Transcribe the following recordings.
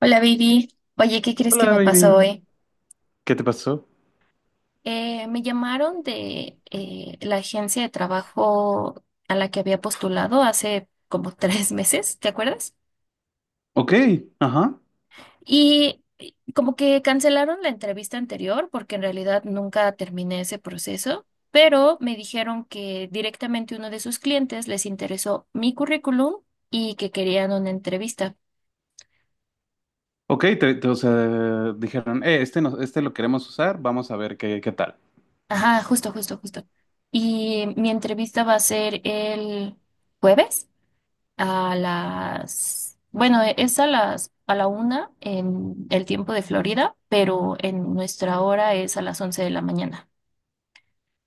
Hola, baby. Oye, ¿qué crees que Hola, me pasó baby. hoy? ¿Qué te pasó? Me llamaron de la agencia de trabajo a la que había postulado hace como 3 meses, ¿te acuerdas? Ok, ajá. Y como que cancelaron la entrevista anterior porque en realidad nunca terminé ese proceso, pero me dijeron que directamente uno de sus clientes les interesó mi currículum y que querían una entrevista. Ok, o sea, dijeron, este, no, este lo queremos usar, vamos a ver qué tal. Ajá, justo, justo, justo. Y mi entrevista va a ser el jueves. A las, bueno, e, es a las, a la una en el tiempo de Florida, pero en nuestra hora es a las 11 de la mañana.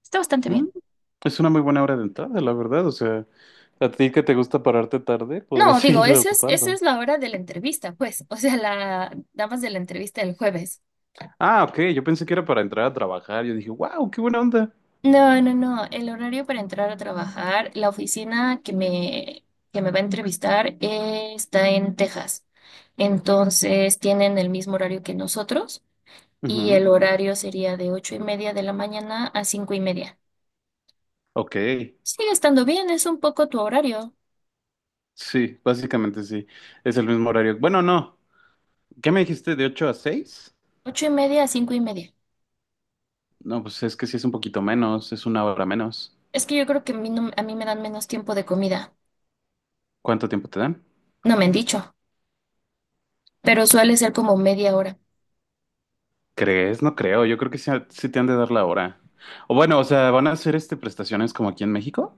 Está bastante Mm, bien. es una muy buena hora de entrada, la verdad. O sea, a ti que te gusta pararte tarde, podrías No, digo, seguirla esa ocupando. es la hora de la entrevista, pues. O sea, nada más de la entrevista del jueves. Ah, ok, yo pensé que era para entrar a trabajar. Yo dije, wow, qué buena onda. No, no, no. El horario para entrar a trabajar, la oficina que me va a entrevistar está en Texas. Entonces tienen el mismo horario que nosotros, y el Ujú. horario sería de 8:30 de la mañana a 5:30. Ok, Sigue estando bien, es un poco tu horario, sí, básicamente sí. Es el mismo horario. Bueno, no. ¿Qué me dijiste? ¿De 8 a 6? 8:30 a 5:30. No, pues es que sí es un poquito menos, es una hora menos. Es que yo creo que a mí, no- a mí me dan menos tiempo de comida, ¿Cuánto tiempo te dan? no me han dicho, pero suele ser como 1/2 hora. ¿Crees? No creo. Yo creo que sí, sí te han de dar la hora. O bueno, o sea, ¿van a hacer este prestaciones como aquí en México?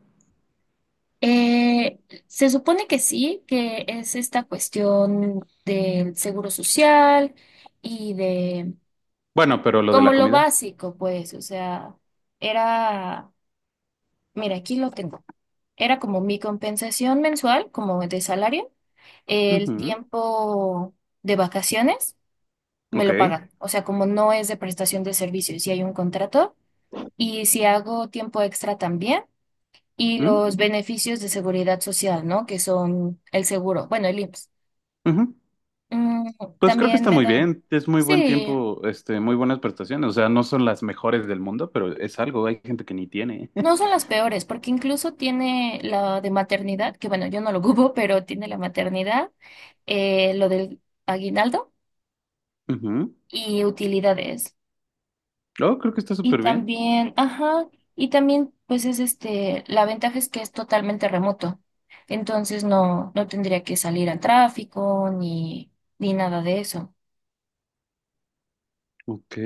Eh, Se supone que sí, que es esta cuestión del seguro social y de Bueno, pero lo de como la lo comida. básico, pues, o sea, era, mira, aquí lo tengo. Era como mi compensación mensual, como de salario, el Ujú. tiempo de vacaciones me lo Ok. pagan. O sea, como no es de prestación de servicios, si hay un contrato y si hago tiempo extra también y Mm, los beneficios de seguridad social, ¿no? Que son el seguro, bueno, el IMSS. ujú. Mm, Pues creo que también está me muy dan, bien. Es muy buen sí, tiempo, este, muy buenas prestaciones. O sea, no son las mejores del mundo, pero es algo. Hay gente que ni tiene. no son las peores porque incluso tiene la de maternidad, que bueno, yo no lo ocupo, pero tiene la maternidad, lo del aguinaldo Ujú. y utilidades. Oh, creo que está Y súper bien. también, ajá, y también pues es este, la ventaja es que es totalmente remoto. Entonces no, no tendría que salir al tráfico ni, ni nada de eso. Ok.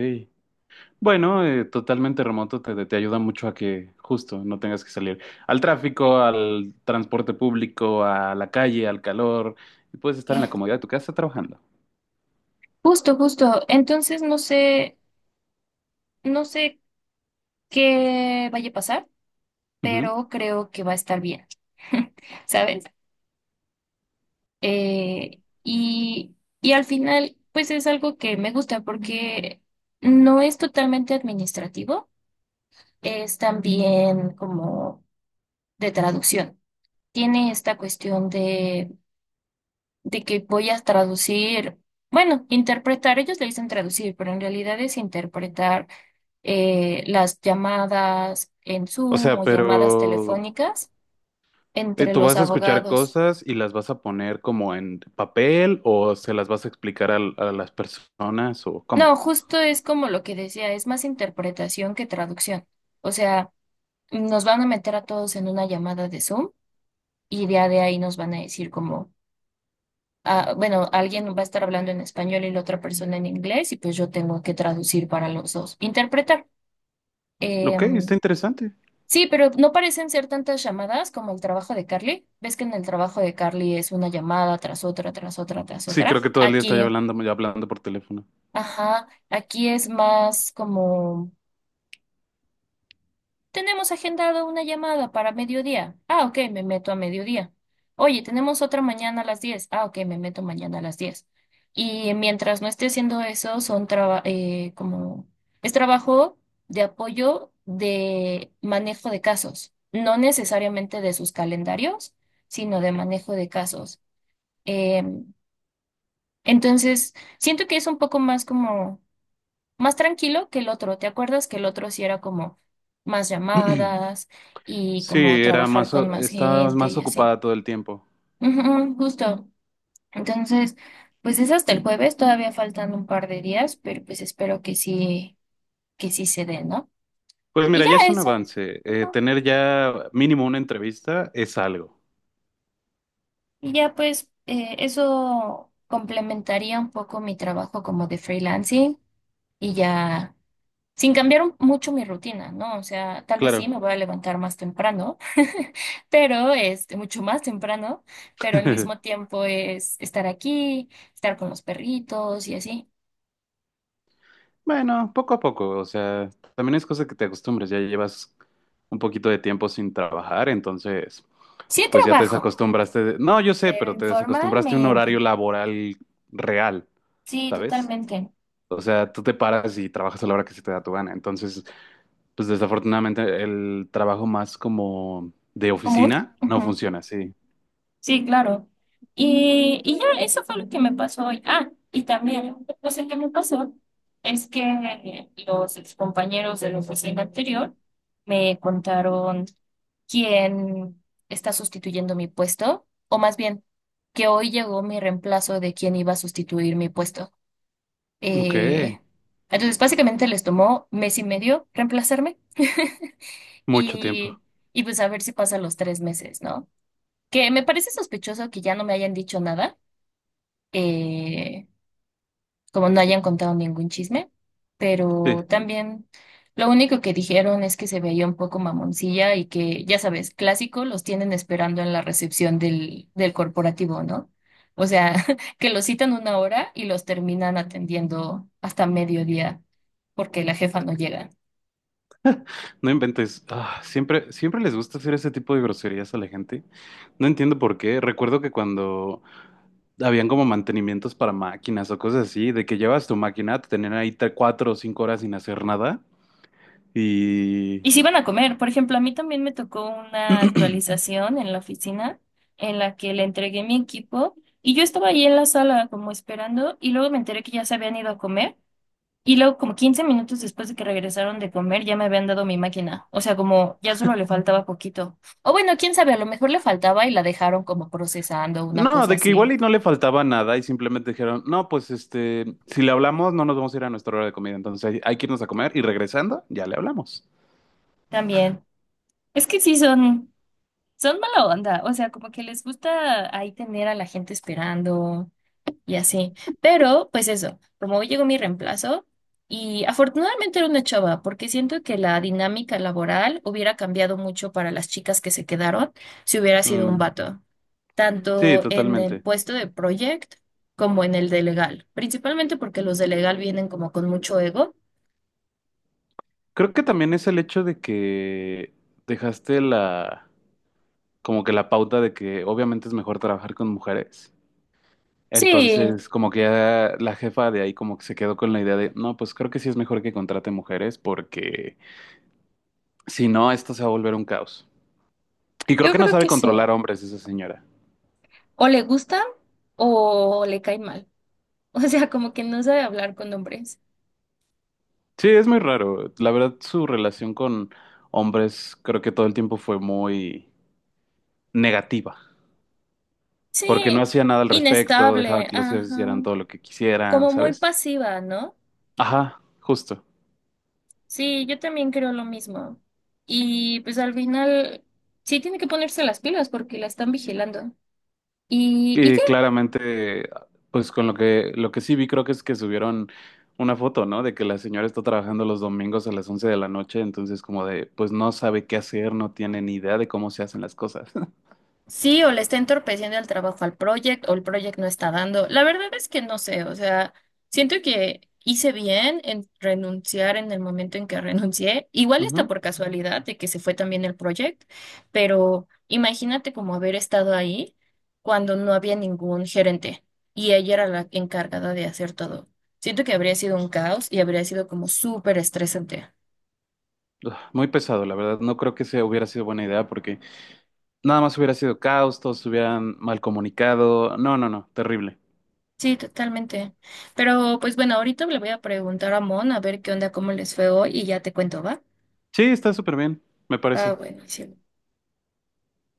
Bueno, totalmente remoto te ayuda mucho a que justo no tengas que salir al tráfico, al transporte público, a la calle, al calor, y puedes estar en Eh, la comodidad de tu casa trabajando. Justo, justo. Entonces no sé, no sé qué vaya a pasar, Ujú. pero creo que va a estar bien. ¿Sabes? Eh, y, y al final, pues es algo que me gusta porque no es totalmente administrativo, es también como de traducción. Tiene esta cuestión de que voy a traducir, bueno, interpretar, ellos le dicen traducir, pero en realidad es interpretar las llamadas en O Zoom sea, o pero llamadas telefónicas entre tú los vas a escuchar abogados. cosas y las vas a poner como en papel o se las vas a explicar al- a, las personas o cómo. No, justo es como lo que decía, es más interpretación que traducción. O sea, nos van a meter a todos en una llamada de Zoom y ya de ahí nos van a decir como ah, bueno, alguien va a estar hablando en español y la otra persona en inglés y pues yo tengo que traducir para los dos, interpretar. Ok, está Em, interesante. sí, pero no parecen ser tantas llamadas como el trabajo de Carly. Ves que en el trabajo de Carly es una llamada tras otra, tras otra, tras Sí, otra. creo que todo el día estaba Aquí, yo hablando por teléfono. ajá, aquí es más como... Tenemos agendado una llamada para mediodía. Ah, ok, me meto a mediodía. Oye, tenemos otra mañana a las 10. Ah, ok, me meto mañana a las 10. Y mientras no esté haciendo eso, como es trabajo de apoyo de manejo de casos, no necesariamente de sus calendarios, sino de manejo de casos. Em, entonces, siento que es un poco más como más tranquilo que el otro. ¿Te acuerdas que el otro sí era como más llamadas y Sí, como era trabajar más, con más estabas gente más y así? ocupada todo el tiempo. Ujú, justo. Entonces, pues es hasta el jueves, todavía faltan un par de días, pero pues espero que sí se dé, ¿no? Pues Y mira, ya ya es un eso. avance. Ujú. Tener ya mínimo una entrevista es algo, Y ya pues eso complementaría un poco mi trabajo como de freelancing y ya. Sin cambiar un- mucho mi rutina, ¿no? O sea, tal vez sí claro. me voy a levantar más temprano, pero este, mucho más temprano, pero al mismo tiempo es estar aquí, estar con los perritos y así. Bueno, poco a poco, o sea, también es cosa que te acostumbres, ya llevas un poquito de tiempo sin trabajar, entonces, Sí pues ya te trabajo, desacostumbraste. No, yo sé, pero pero te desacostumbraste a un horario informalmente. laboral real, Sí, ¿sabes? totalmente. O sea, tú te paras y trabajas a la hora que se te da tu gana. Entonces, pues desafortunadamente el trabajo más como de ¿Común? oficina no Ujú. funciona así. Sí, claro. Y ya, eso fue lo que me pasó hoy. Ah, y también, no sé qué me pasó, es que los compañeros de la oficina anterior me contaron quien está sustituyendo mi puesto, o más bien, que hoy llegó mi reemplazo de quien iba a sustituir mi puesto. Ok, Eh, entonces, básicamente les tomó mes y medio reemplazarme, mucho tiempo. y, y pues a ver si pasa los 3 meses, ¿no? Que me parece sospechoso que ya no me hayan dicho nada. eh, Como no hayan contado ningún chisme, Sí. pero también lo único que dijeron es que se veía un poco mamoncilla y que, ya sabes, clásico, los tienen esperando en la recepción del corporativo, ¿no? O sea, que los citan una hora y los terminan atendiendo hasta mediodía porque la jefa no llega. No inventes. Ah, siempre, siempre les gusta hacer ese tipo de groserías a la gente. No entiendo por qué. Recuerdo que cuando habían como mantenimientos para máquinas o cosas así, de que llevas tu máquina, te tenían ahí 4 o 5 horas sin hacer nada. Y Y si van a comer, por ejemplo, a mí también me tocó una actualización en la oficina en la que le entregué mi equipo y yo estaba ahí en la sala como esperando y luego me enteré que ya se habían ido a comer. Y luego, como 15 minutos después de que regresaron de comer, ya me habían dado mi máquina. O sea, como ya solo le faltaba poquito. O bueno, quién sabe, a lo mejor le faltaba y la dejaron como procesando, una no, cosa de que igual así. y no le faltaba nada y simplemente dijeron, no, pues este, si le hablamos, no nos vamos a ir a nuestra hora de comida. Entonces hay que irnos a comer y regresando, ya le hablamos. También. Es que sí son, son mala onda. O sea, como que les gusta ahí tener a la gente esperando y así. Pero, pues eso, como hoy llegó mi reemplazo, y afortunadamente era una chava, porque siento que la dinámica laboral hubiera cambiado mucho para las chicas que se quedaron si hubiera sido un Mm, vato. sí, Tanto en el totalmente. puesto de project como en el de legal, principalmente porque los de legal vienen como con mucho ego. Creo que también es el hecho de que dejaste la como que la pauta de que obviamente es mejor trabajar con mujeres. Sí, Entonces, como que ya la jefa de ahí como que se quedó con la idea de, no, pues creo que sí es mejor que contrate mujeres porque si no, esto se va a volver un caos. Y creo yo que no creo sabe que sí. controlar hombres esa señora. O le gusta o le cae mal. O sea, como que no sabe hablar con hombres. Sí, es muy raro. La verdad, su relación con hombres creo que todo el tiempo fue muy negativa, porque no Sí, hacía nada al respecto, dejaba inestable, que los hijos hicieran ajá. todo lo que quisieran, Como muy ¿sabes? pasiva, ¿no? Ajá, justo. Sí, yo también creo lo mismo. Y pues al final sí tiene que ponerse las pilas porque la están vigilando. Y Y ya. claramente, pues con lo que sí vi creo que es que subieron una foto, ¿no? De que la señora está trabajando los domingos a las 11 de la noche, entonces como de, pues no sabe qué hacer, no tiene ni idea de cómo se hacen las cosas. Sí, o le está entorpeciendo el trabajo al project, o el project no está dando. La verdad es que no sé, o sea, siento que hice bien en renunciar en el momento en que renuncié. Igual está Ujú. por casualidad de que se fue también el project, pero imagínate como haber estado ahí cuando no había ningún gerente y ella era la encargada de hacer todo. Siento que habría sido un caos y habría sido como súper estresante. Ugh, muy pesado, la verdad. No creo que sea hubiera sido buena idea porque nada más hubiera sido caos, todos se hubieran mal comunicado. No, no, no, terrible. Sí, totalmente. Pero pues bueno, ahorita le voy a preguntar a Mon a ver qué onda, cómo les fue hoy y ya te cuento, ¿va? Sí, está súper bien, me Ah, parece. bueno, sí.